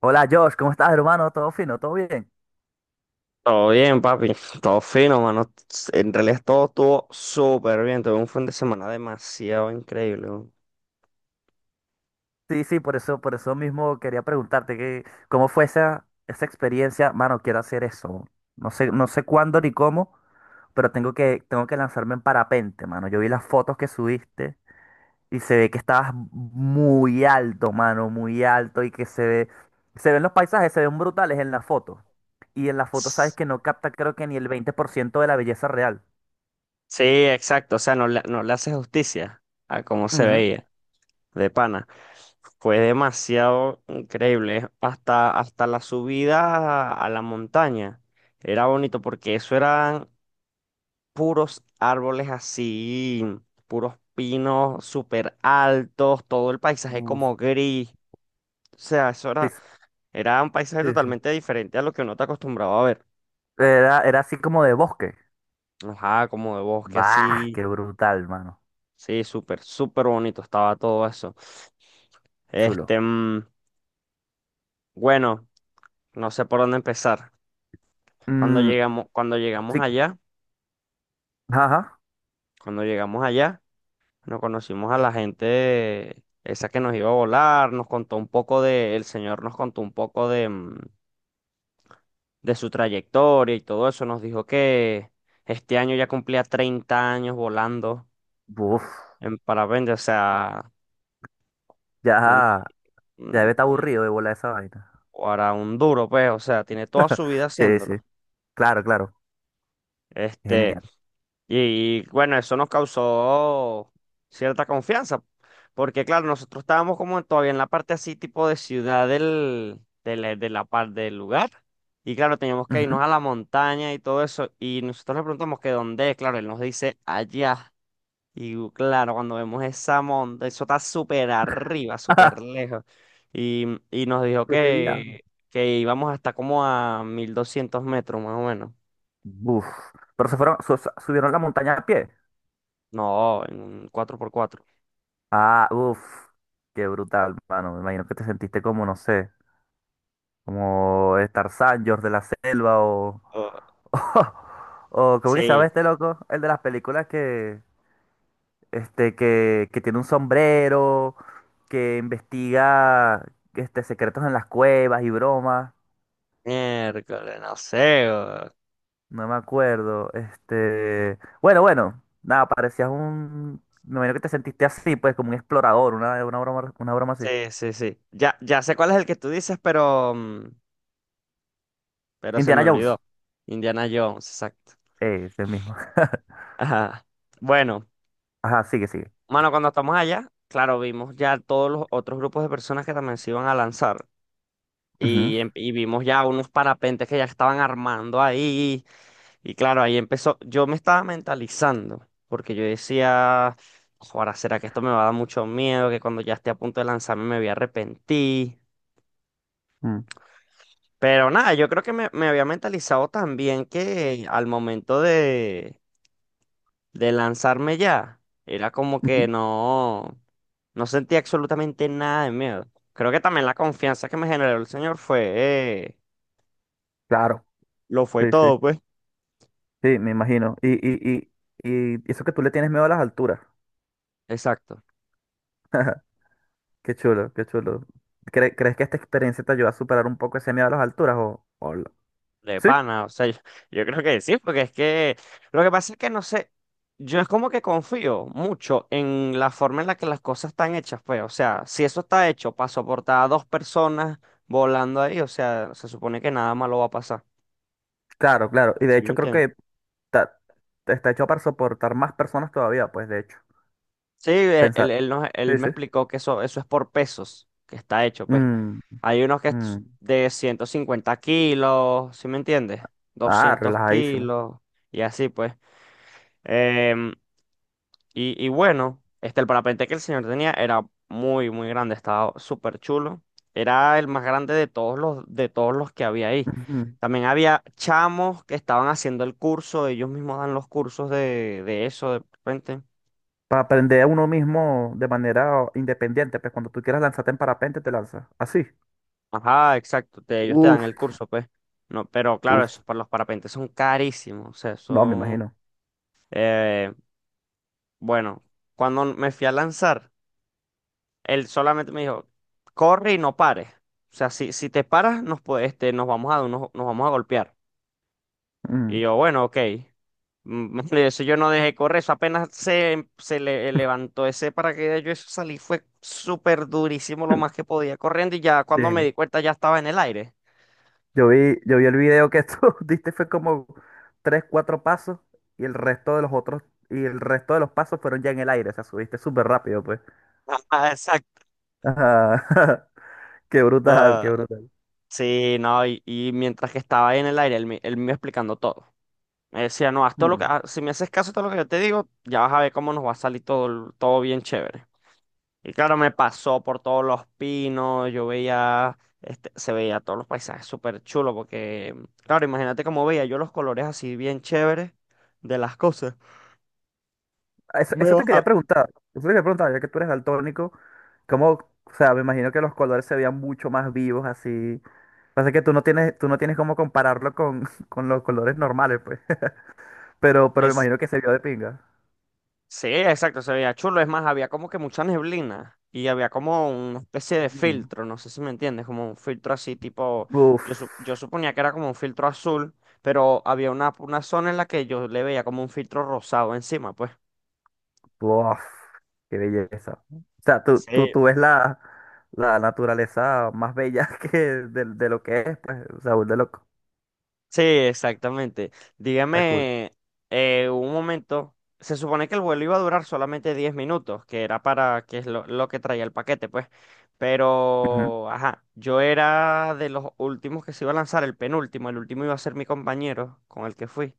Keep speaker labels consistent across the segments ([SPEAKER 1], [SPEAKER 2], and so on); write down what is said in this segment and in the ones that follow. [SPEAKER 1] Hola Josh, ¿cómo estás, hermano? ¿Todo fino? ¿Todo bien?
[SPEAKER 2] Todo bien, papi. Todo fino, mano. En realidad todo estuvo súper bien. Tuve un fin de semana demasiado increíble, weón.
[SPEAKER 1] Sí, por eso mismo quería preguntarte cómo fue esa experiencia. Mano, quiero hacer eso. No sé cuándo ni cómo, pero tengo que lanzarme en parapente, mano. Yo vi las fotos que subiste y se ve que estabas muy alto, mano, muy alto y que se ven los paisajes, se ven brutales en la foto. Y en la foto sabes
[SPEAKER 2] S-
[SPEAKER 1] que no capta creo que ni el 20% de la belleza real.
[SPEAKER 2] Sí, exacto. O sea, no le hace justicia a cómo se
[SPEAKER 1] Ujú.
[SPEAKER 2] veía, de pana. Fue demasiado increíble. Hasta la subida a la montaña. Era bonito porque eso eran puros árboles así, puros pinos súper altos, todo el paisaje
[SPEAKER 1] Uf.
[SPEAKER 2] como gris. O sea, eso
[SPEAKER 1] Sí,
[SPEAKER 2] era. Era un paisaje
[SPEAKER 1] sí.
[SPEAKER 2] totalmente diferente a lo que uno está acostumbrado a ver.
[SPEAKER 1] Era así como de bosque.
[SPEAKER 2] Ajá, como de bosque
[SPEAKER 1] Bah,
[SPEAKER 2] así.
[SPEAKER 1] qué brutal, mano.
[SPEAKER 2] Sí, súper, súper bonito estaba todo eso.
[SPEAKER 1] Chulo.
[SPEAKER 2] Este, bueno, no sé por dónde empezar. Cuando
[SPEAKER 1] Mm,
[SPEAKER 2] llegamos, cuando llegamos
[SPEAKER 1] sí,
[SPEAKER 2] allá,
[SPEAKER 1] ajá.
[SPEAKER 2] cuando llegamos allá, nos conocimos a la gente esa que nos iba a volar, nos contó un poco de, el señor nos contó un poco de, de su trayectoria y todo eso. Nos dijo que este año ya cumplía 30 años volando
[SPEAKER 1] Uf,
[SPEAKER 2] en parapente, o sea.
[SPEAKER 1] ya, ya
[SPEAKER 2] un-
[SPEAKER 1] debe estar
[SPEAKER 2] un-
[SPEAKER 1] aburrido de volar esa vaina.
[SPEAKER 2] o hará un duro, pues, o sea, tiene toda su vida
[SPEAKER 1] Sí, sí.
[SPEAKER 2] haciéndolo.
[SPEAKER 1] Claro, claro.
[SPEAKER 2] Este,
[SPEAKER 1] Genial.
[SPEAKER 2] y, bueno, eso nos causó cierta confianza, porque claro, nosotros estábamos como todavía en la parte así, tipo de ciudad del, de la par- del lugar, y claro, teníamos que
[SPEAKER 1] Ujú.
[SPEAKER 2] irnos a la montaña y todo eso, y nosotros le preguntamos que dónde es, claro, él nos dice allá. Claro, cuando vemos esa monta, eso está súper arriba, súper
[SPEAKER 1] Ajá,
[SPEAKER 2] lejos. Y, y nos dijo
[SPEAKER 1] qué día.
[SPEAKER 2] que íbamos hasta como a 1200 metros, más o menos.
[SPEAKER 1] Uf. Pero se fueron, subieron la montaña a pie.
[SPEAKER 2] No, en un 4x4.
[SPEAKER 1] Ah, uf. Qué brutal, mano. Me imagino que te sentiste como, no sé, como Tarzán, George de la Selva o.
[SPEAKER 2] Oh,
[SPEAKER 1] O, ¿cómo que se llama
[SPEAKER 2] sí,
[SPEAKER 1] este loco? El de las películas que. Que tiene un sombrero, que investiga secretos en las cuevas y bromas.
[SPEAKER 2] miércoles, no sé, weón.
[SPEAKER 1] No me acuerdo. Nada, parecías un. Me imagino que te sentiste así, pues, como un explorador, una broma así.
[SPEAKER 2] Sí, sí, sí. Ya, ya sé cuál es el que tú dices, pero, pero se me
[SPEAKER 1] Indiana Jones.
[SPEAKER 2] olvidó. Indiana Jones, exacto.
[SPEAKER 1] Ese mismo.
[SPEAKER 2] Ajá. Bueno,
[SPEAKER 1] Ajá, sigue, sigue.
[SPEAKER 2] mano, cuando estamos allá, claro, vimos ya todos los otros grupos de personas que también se iban a lanzar.
[SPEAKER 1] Ujú,
[SPEAKER 2] Y vimos ya unos parapentes que ya estaban armando ahí. Y claro, ahí empezó. Yo me estaba mentalizando, porque yo decía, ahora será que esto me va a dar mucho miedo, que cuando ya esté a punto de lanzarme me voy a arrepentir.
[SPEAKER 1] mm,
[SPEAKER 2] Pero nada, yo creo que me había mentalizado también que al momento de lanzarme ya, era como que
[SPEAKER 1] ujú.
[SPEAKER 2] no, no sentía absolutamente nada de miedo. Creo que también la confianza que me generó el señor fue, eh,
[SPEAKER 1] Claro,
[SPEAKER 2] lo fue
[SPEAKER 1] sí, sí.
[SPEAKER 2] todo, pues.
[SPEAKER 1] Sí, me imagino. Y eso que tú le tienes miedo a las alturas.
[SPEAKER 2] Exacto.
[SPEAKER 1] Qué chulo, qué chulo. ¿Crees que esta experiencia te ayuda a superar un poco ese miedo a las alturas o lo-
[SPEAKER 2] De
[SPEAKER 1] Sí,
[SPEAKER 2] pana, o sea, yo creo que sí, porque es que lo que pasa es que no sé, yo es como que confío mucho en la forma en la que las cosas están hechas, pues, o sea, si eso está hecho para soportar a dos personas volando ahí, o sea, se supone que nada malo va a pasar,
[SPEAKER 1] claro, claro. Y de
[SPEAKER 2] ¿sí me
[SPEAKER 1] hecho creo
[SPEAKER 2] entiendes?
[SPEAKER 1] que ta- está hecho para soportar más personas todavía, pues de hecho.
[SPEAKER 2] Sí, él,
[SPEAKER 1] Pensar.
[SPEAKER 2] él, él nos- él
[SPEAKER 1] Sí,
[SPEAKER 2] me
[SPEAKER 1] sí.
[SPEAKER 2] explicó que eso es por pesos, que está hecho, pues.
[SPEAKER 1] Mm,
[SPEAKER 2] Hay unos que es
[SPEAKER 1] mm.
[SPEAKER 2] de 150 kilos, ¿sí me entiendes?
[SPEAKER 1] Ah,
[SPEAKER 2] Doscientos
[SPEAKER 1] relajadísimo.
[SPEAKER 2] kilos y así, pues. em, y bueno, este, el parapente que el señor tenía era muy, muy grande, estaba súper chulo. Era el más grande de todos los que había ahí.
[SPEAKER 1] Ujú.
[SPEAKER 2] También había chamos que estaban haciendo el curso, ellos mismos dan los cursos de eso de repente.
[SPEAKER 1] Para aprender a uno mismo de manera independiente, pues cuando tú quieras lanzarte en parapente te lanzas. Así.
[SPEAKER 2] Ajá, exacto, ellos te dan
[SPEAKER 1] Uf,
[SPEAKER 2] el curso, pues. No, pero claro, esos
[SPEAKER 1] uf.
[SPEAKER 2] para los parapentes son carísimos. O sea,
[SPEAKER 1] No, me
[SPEAKER 2] son.
[SPEAKER 1] imagino.
[SPEAKER 2] eh, bueno, cuando me fui a lanzar. Él solamente me dijo, corre y no pares. O sea, si te paras, nos vamos a golpear. Y
[SPEAKER 1] Mm.
[SPEAKER 2] yo, bueno, ok. Mm. Eso yo no dejé correr, eso apenas se le levantó ese paracaídas, yo eso salí, fue súper durísimo lo más que podía corriendo y ya cuando me
[SPEAKER 1] Sí.
[SPEAKER 2] di cuenta ya estaba en el aire.
[SPEAKER 1] Yo vi el video que tú diste, fue como tres, cuatro pasos y el resto de los otros, y el resto de los pasos fueron ya en el aire, o sea, subiste súper rápido, pues.
[SPEAKER 2] Ah, exacto.
[SPEAKER 1] Ajá. Qué brutal, qué
[SPEAKER 2] Ah,
[SPEAKER 1] brutal.
[SPEAKER 2] sí, no, y mientras que estaba ahí en el aire, él me iba explicando todo. Me decía, no, haz todo lo que,
[SPEAKER 1] Mm.
[SPEAKER 2] ah, si me haces caso a todo lo que yo te digo, ya vas a ver cómo nos va a salir todo, todo bien chévere. Y claro, me pasó por todos los pinos, yo veía, este, se veía todos los paisajes súper chulos, porque, claro, imagínate cómo veía yo los colores así bien chéveres de las cosas.
[SPEAKER 1] Eso,
[SPEAKER 2] Me
[SPEAKER 1] eso te quería
[SPEAKER 2] bajaba.
[SPEAKER 1] preguntar, eso te quería preguntar, ya que tú eres daltónico, ¿cómo, o sea, me imagino que los colores se veían mucho más vivos así. Pasa que tú no tienes cómo compararlo con, con los colores normales, pues. Pero me
[SPEAKER 2] Es,
[SPEAKER 1] imagino que se vio de pinga.
[SPEAKER 2] sí, exacto, se veía chulo, es más, había como que mucha neblina y había como una especie de
[SPEAKER 1] Mm.
[SPEAKER 2] filtro, no sé si me entiendes, como un filtro así tipo,
[SPEAKER 1] Uf.
[SPEAKER 2] yo, yo suponía que era como un filtro azul, pero había una zona en la que yo le veía como un filtro rosado encima, pues.
[SPEAKER 1] Uf, qué belleza. O sea, tú, tú,
[SPEAKER 2] Sí.
[SPEAKER 1] tú ves la, la naturaleza más bella que de lo que es, pues, o sea, de loco.
[SPEAKER 2] Sí, exactamente.
[SPEAKER 1] Está cool.
[SPEAKER 2] Dígame, un momento. Se supone que el vuelo iba a durar solamente 10 minutos, que era para, que es lo que traía el paquete, pues.
[SPEAKER 1] Ujú,
[SPEAKER 2] Pero, ajá, yo era de los últimos que se iba a lanzar, el penúltimo, el último iba a ser mi compañero con el que fui.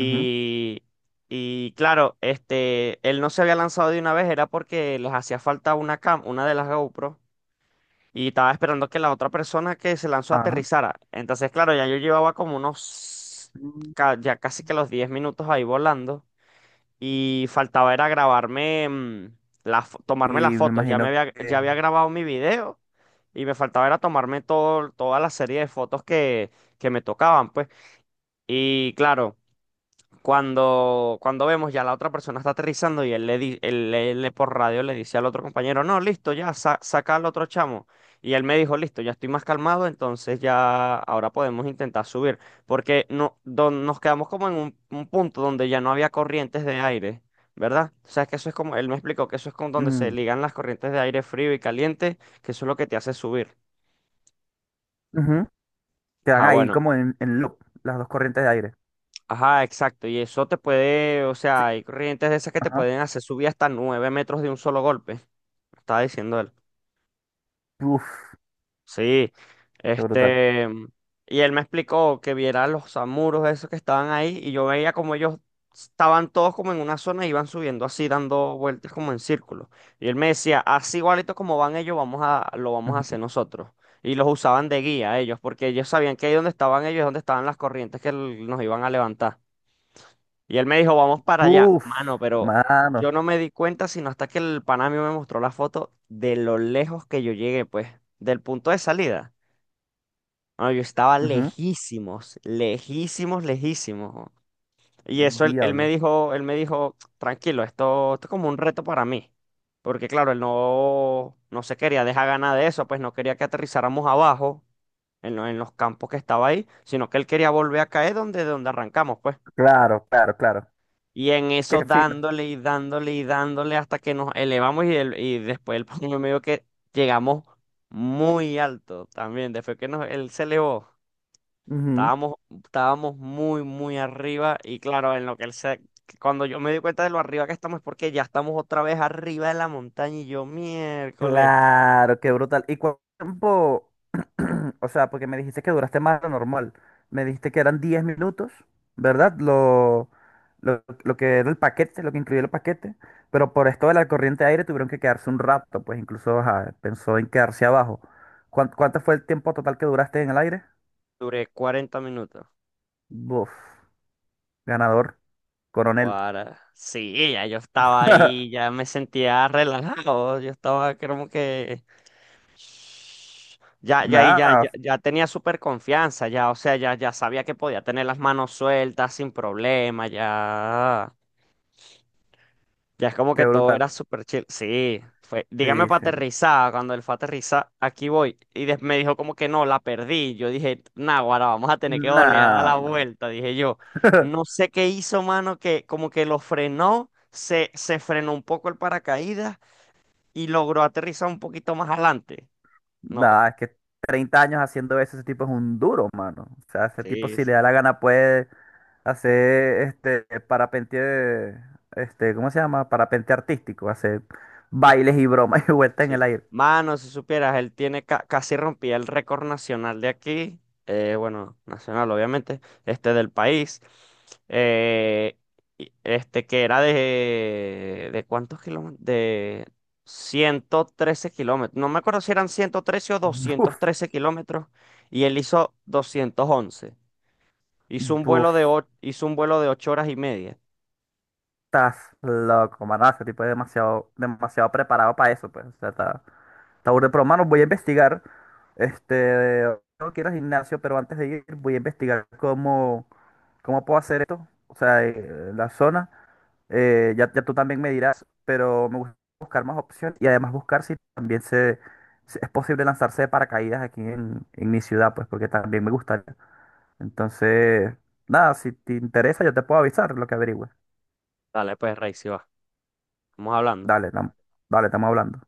[SPEAKER 1] ujú,
[SPEAKER 2] y claro, este, él no se había lanzado de una vez, era porque les hacía falta una cam, una de las GoPro. Y estaba esperando que la otra persona que se lanzó
[SPEAKER 1] ajá.
[SPEAKER 2] aterrizara. Entonces, claro, ya yo llevaba como unos,
[SPEAKER 1] Mm,
[SPEAKER 2] ya casi que los 10 minutos ahí volando. Y faltaba era grabarme,
[SPEAKER 1] y
[SPEAKER 2] tomarme las
[SPEAKER 1] me
[SPEAKER 2] fotos.
[SPEAKER 1] imagino que
[SPEAKER 2] Ya había grabado mi video y me faltaba era tomarme todo, toda la serie de fotos que, me tocaban, pues. Y claro. Cuando vemos ya la otra persona está aterrizando y él le por radio le dice al otro compañero, no, listo, ya, saca al otro chamo. Y él me dijo, listo, ya estoy más calmado, entonces ya ahora podemos intentar subir. Porque no, nos quedamos como en un punto donde ya no había corrientes de aire, ¿verdad? O sea, es que eso es como, él me explicó que eso es como donde se
[SPEAKER 1] mm,
[SPEAKER 2] ligan las corrientes de aire frío y caliente, que eso es lo que te hace subir.
[SPEAKER 1] ujú, quedan
[SPEAKER 2] Ah,
[SPEAKER 1] ahí
[SPEAKER 2] bueno.
[SPEAKER 1] como en loop las dos corrientes de aire.
[SPEAKER 2] Ajá, exacto. Y eso te puede, o
[SPEAKER 1] Sí,
[SPEAKER 2] sea, hay corrientes de esas que te
[SPEAKER 1] ajá.
[SPEAKER 2] pueden hacer subir hasta 9 metros de un solo golpe. Estaba diciendo él.
[SPEAKER 1] Uf,
[SPEAKER 2] Sí.
[SPEAKER 1] qué brutal.
[SPEAKER 2] Este. Y él me explicó que viera los samuros esos que estaban ahí. Y yo veía como ellos estaban todos como en una zona y iban subiendo así, dando vueltas como en círculo. Y él me decía, así igualito como van ellos, vamos a, lo vamos a hacer nosotros. Y los usaban de guía ellos, porque ellos sabían que ahí donde estaban ellos, es donde estaban las corrientes que nos iban a levantar. Y él me dijo, vamos para allá.
[SPEAKER 1] Ujú. Uf,
[SPEAKER 2] Mano, pero
[SPEAKER 1] mano.
[SPEAKER 2] yo no me di cuenta sino hasta que el pana mío me mostró la foto de lo lejos que yo llegué, pues, del punto de salida. Bueno, yo estaba
[SPEAKER 1] Ujú,
[SPEAKER 2] lejísimos, lejísimos, lejísimos, ¿no? Él me
[SPEAKER 1] Diablo.
[SPEAKER 2] dijo, él me dijo, tranquilo, esto es como un reto para mí. Porque claro, él no, no se quería dejar ganar de eso, pues no quería que aterrizáramos abajo en, en los campos que estaba ahí, sino que él quería volver a caer donde donde arrancamos, pues.
[SPEAKER 1] Claro, claro, claro.
[SPEAKER 2] Y en eso
[SPEAKER 1] Qué fino.
[SPEAKER 2] dándole y dándole y dándole hasta que nos elevamos y, y después el pongo medio que llegamos muy alto también. Después que nos, él se elevó,
[SPEAKER 1] Ujú.
[SPEAKER 2] estábamos, estábamos muy, muy arriba. Y claro, en lo que él se, cuando yo me di cuenta de lo arriba que estamos es porque ya estamos otra vez arriba de la montaña y yo miércoles,
[SPEAKER 1] Claro, qué brutal. ¿Y cuánto tiempo? O sea, porque me dijiste que duraste más de lo normal. Me dijiste que eran 10 minutos, ¿verdad? Lo que era el paquete, lo que incluía el paquete. Pero por esto de la corriente de aire tuvieron que quedarse un rato, pues incluso ajá, pensó en quedarse abajo. ¿Cuánto, fue el tiempo total que duraste en el aire?
[SPEAKER 2] duré 40 minutos.
[SPEAKER 1] Buf, ganador, coronel.
[SPEAKER 2] Para Sí, ya yo estaba ahí, ya me sentía relajado. Yo estaba como que... Ya, ya, ahí ya, ya,
[SPEAKER 1] Nada,
[SPEAKER 2] ya tenía súper confianza, ya, o sea, ya sabía que podía tener las manos sueltas sin problema, ya es como
[SPEAKER 1] qué
[SPEAKER 2] que todo
[SPEAKER 1] brutal.
[SPEAKER 2] era súper chill. Sí, fue, dígame
[SPEAKER 1] Sí,
[SPEAKER 2] para
[SPEAKER 1] sí.
[SPEAKER 2] aterrizar, cuando él fue a aterrizar, aquí voy, y me dijo como que no, la perdí, yo dije, nah, ahora vamos a tener que volver a dar la
[SPEAKER 1] Nada.
[SPEAKER 2] vuelta, dije yo, no sé qué hizo, mano, que como que lo frenó, se frenó un poco el paracaídas y logró aterrizar un poquito más adelante. No,
[SPEAKER 1] Nah, es que 30 años haciendo eso, ese tipo es un duro, mano. O sea, ese tipo
[SPEAKER 2] sí
[SPEAKER 1] si le
[SPEAKER 2] sí.
[SPEAKER 1] da la gana puede hacer este parapente, este, ¿cómo se llama? Parapente artístico, hacer bailes y bromas y vueltas en el
[SPEAKER 2] Sí.
[SPEAKER 1] aire.
[SPEAKER 2] Mano, si supieras, él tiene casi rompía el récord nacional de aquí, bueno, nacional obviamente, este del país, eh, este que era ¿de cuántos kilómetros? De 113 kilómetros, no me acuerdo si eran 113 o doscientos
[SPEAKER 1] Buf,
[SPEAKER 2] trece kilómetros, y él hizo 211, hizo un vuelo
[SPEAKER 1] buf,
[SPEAKER 2] de, hizo un vuelo de 8 horas y media.
[SPEAKER 1] estás loco, mano. Ese tipo es demasiado, demasiado preparado para eso, pues. O sea, está, está burda. Pero, mano, voy a investigar. Este, no quiero ir al gimnasio, pero antes de ir voy a investigar cómo, cómo puedo hacer esto. O sea, la zona. Ya tú también me dirás, pero me gusta buscar más opciones y además buscar si es posible lanzarse de paracaídas aquí en mi ciudad, pues porque también me gustaría. Entonces, nada, si te interesa, yo te puedo avisar lo que averigüe.
[SPEAKER 2] Dale, pues, Rey, si va, estamos hablando.
[SPEAKER 1] Dale, dale, estamos hablando.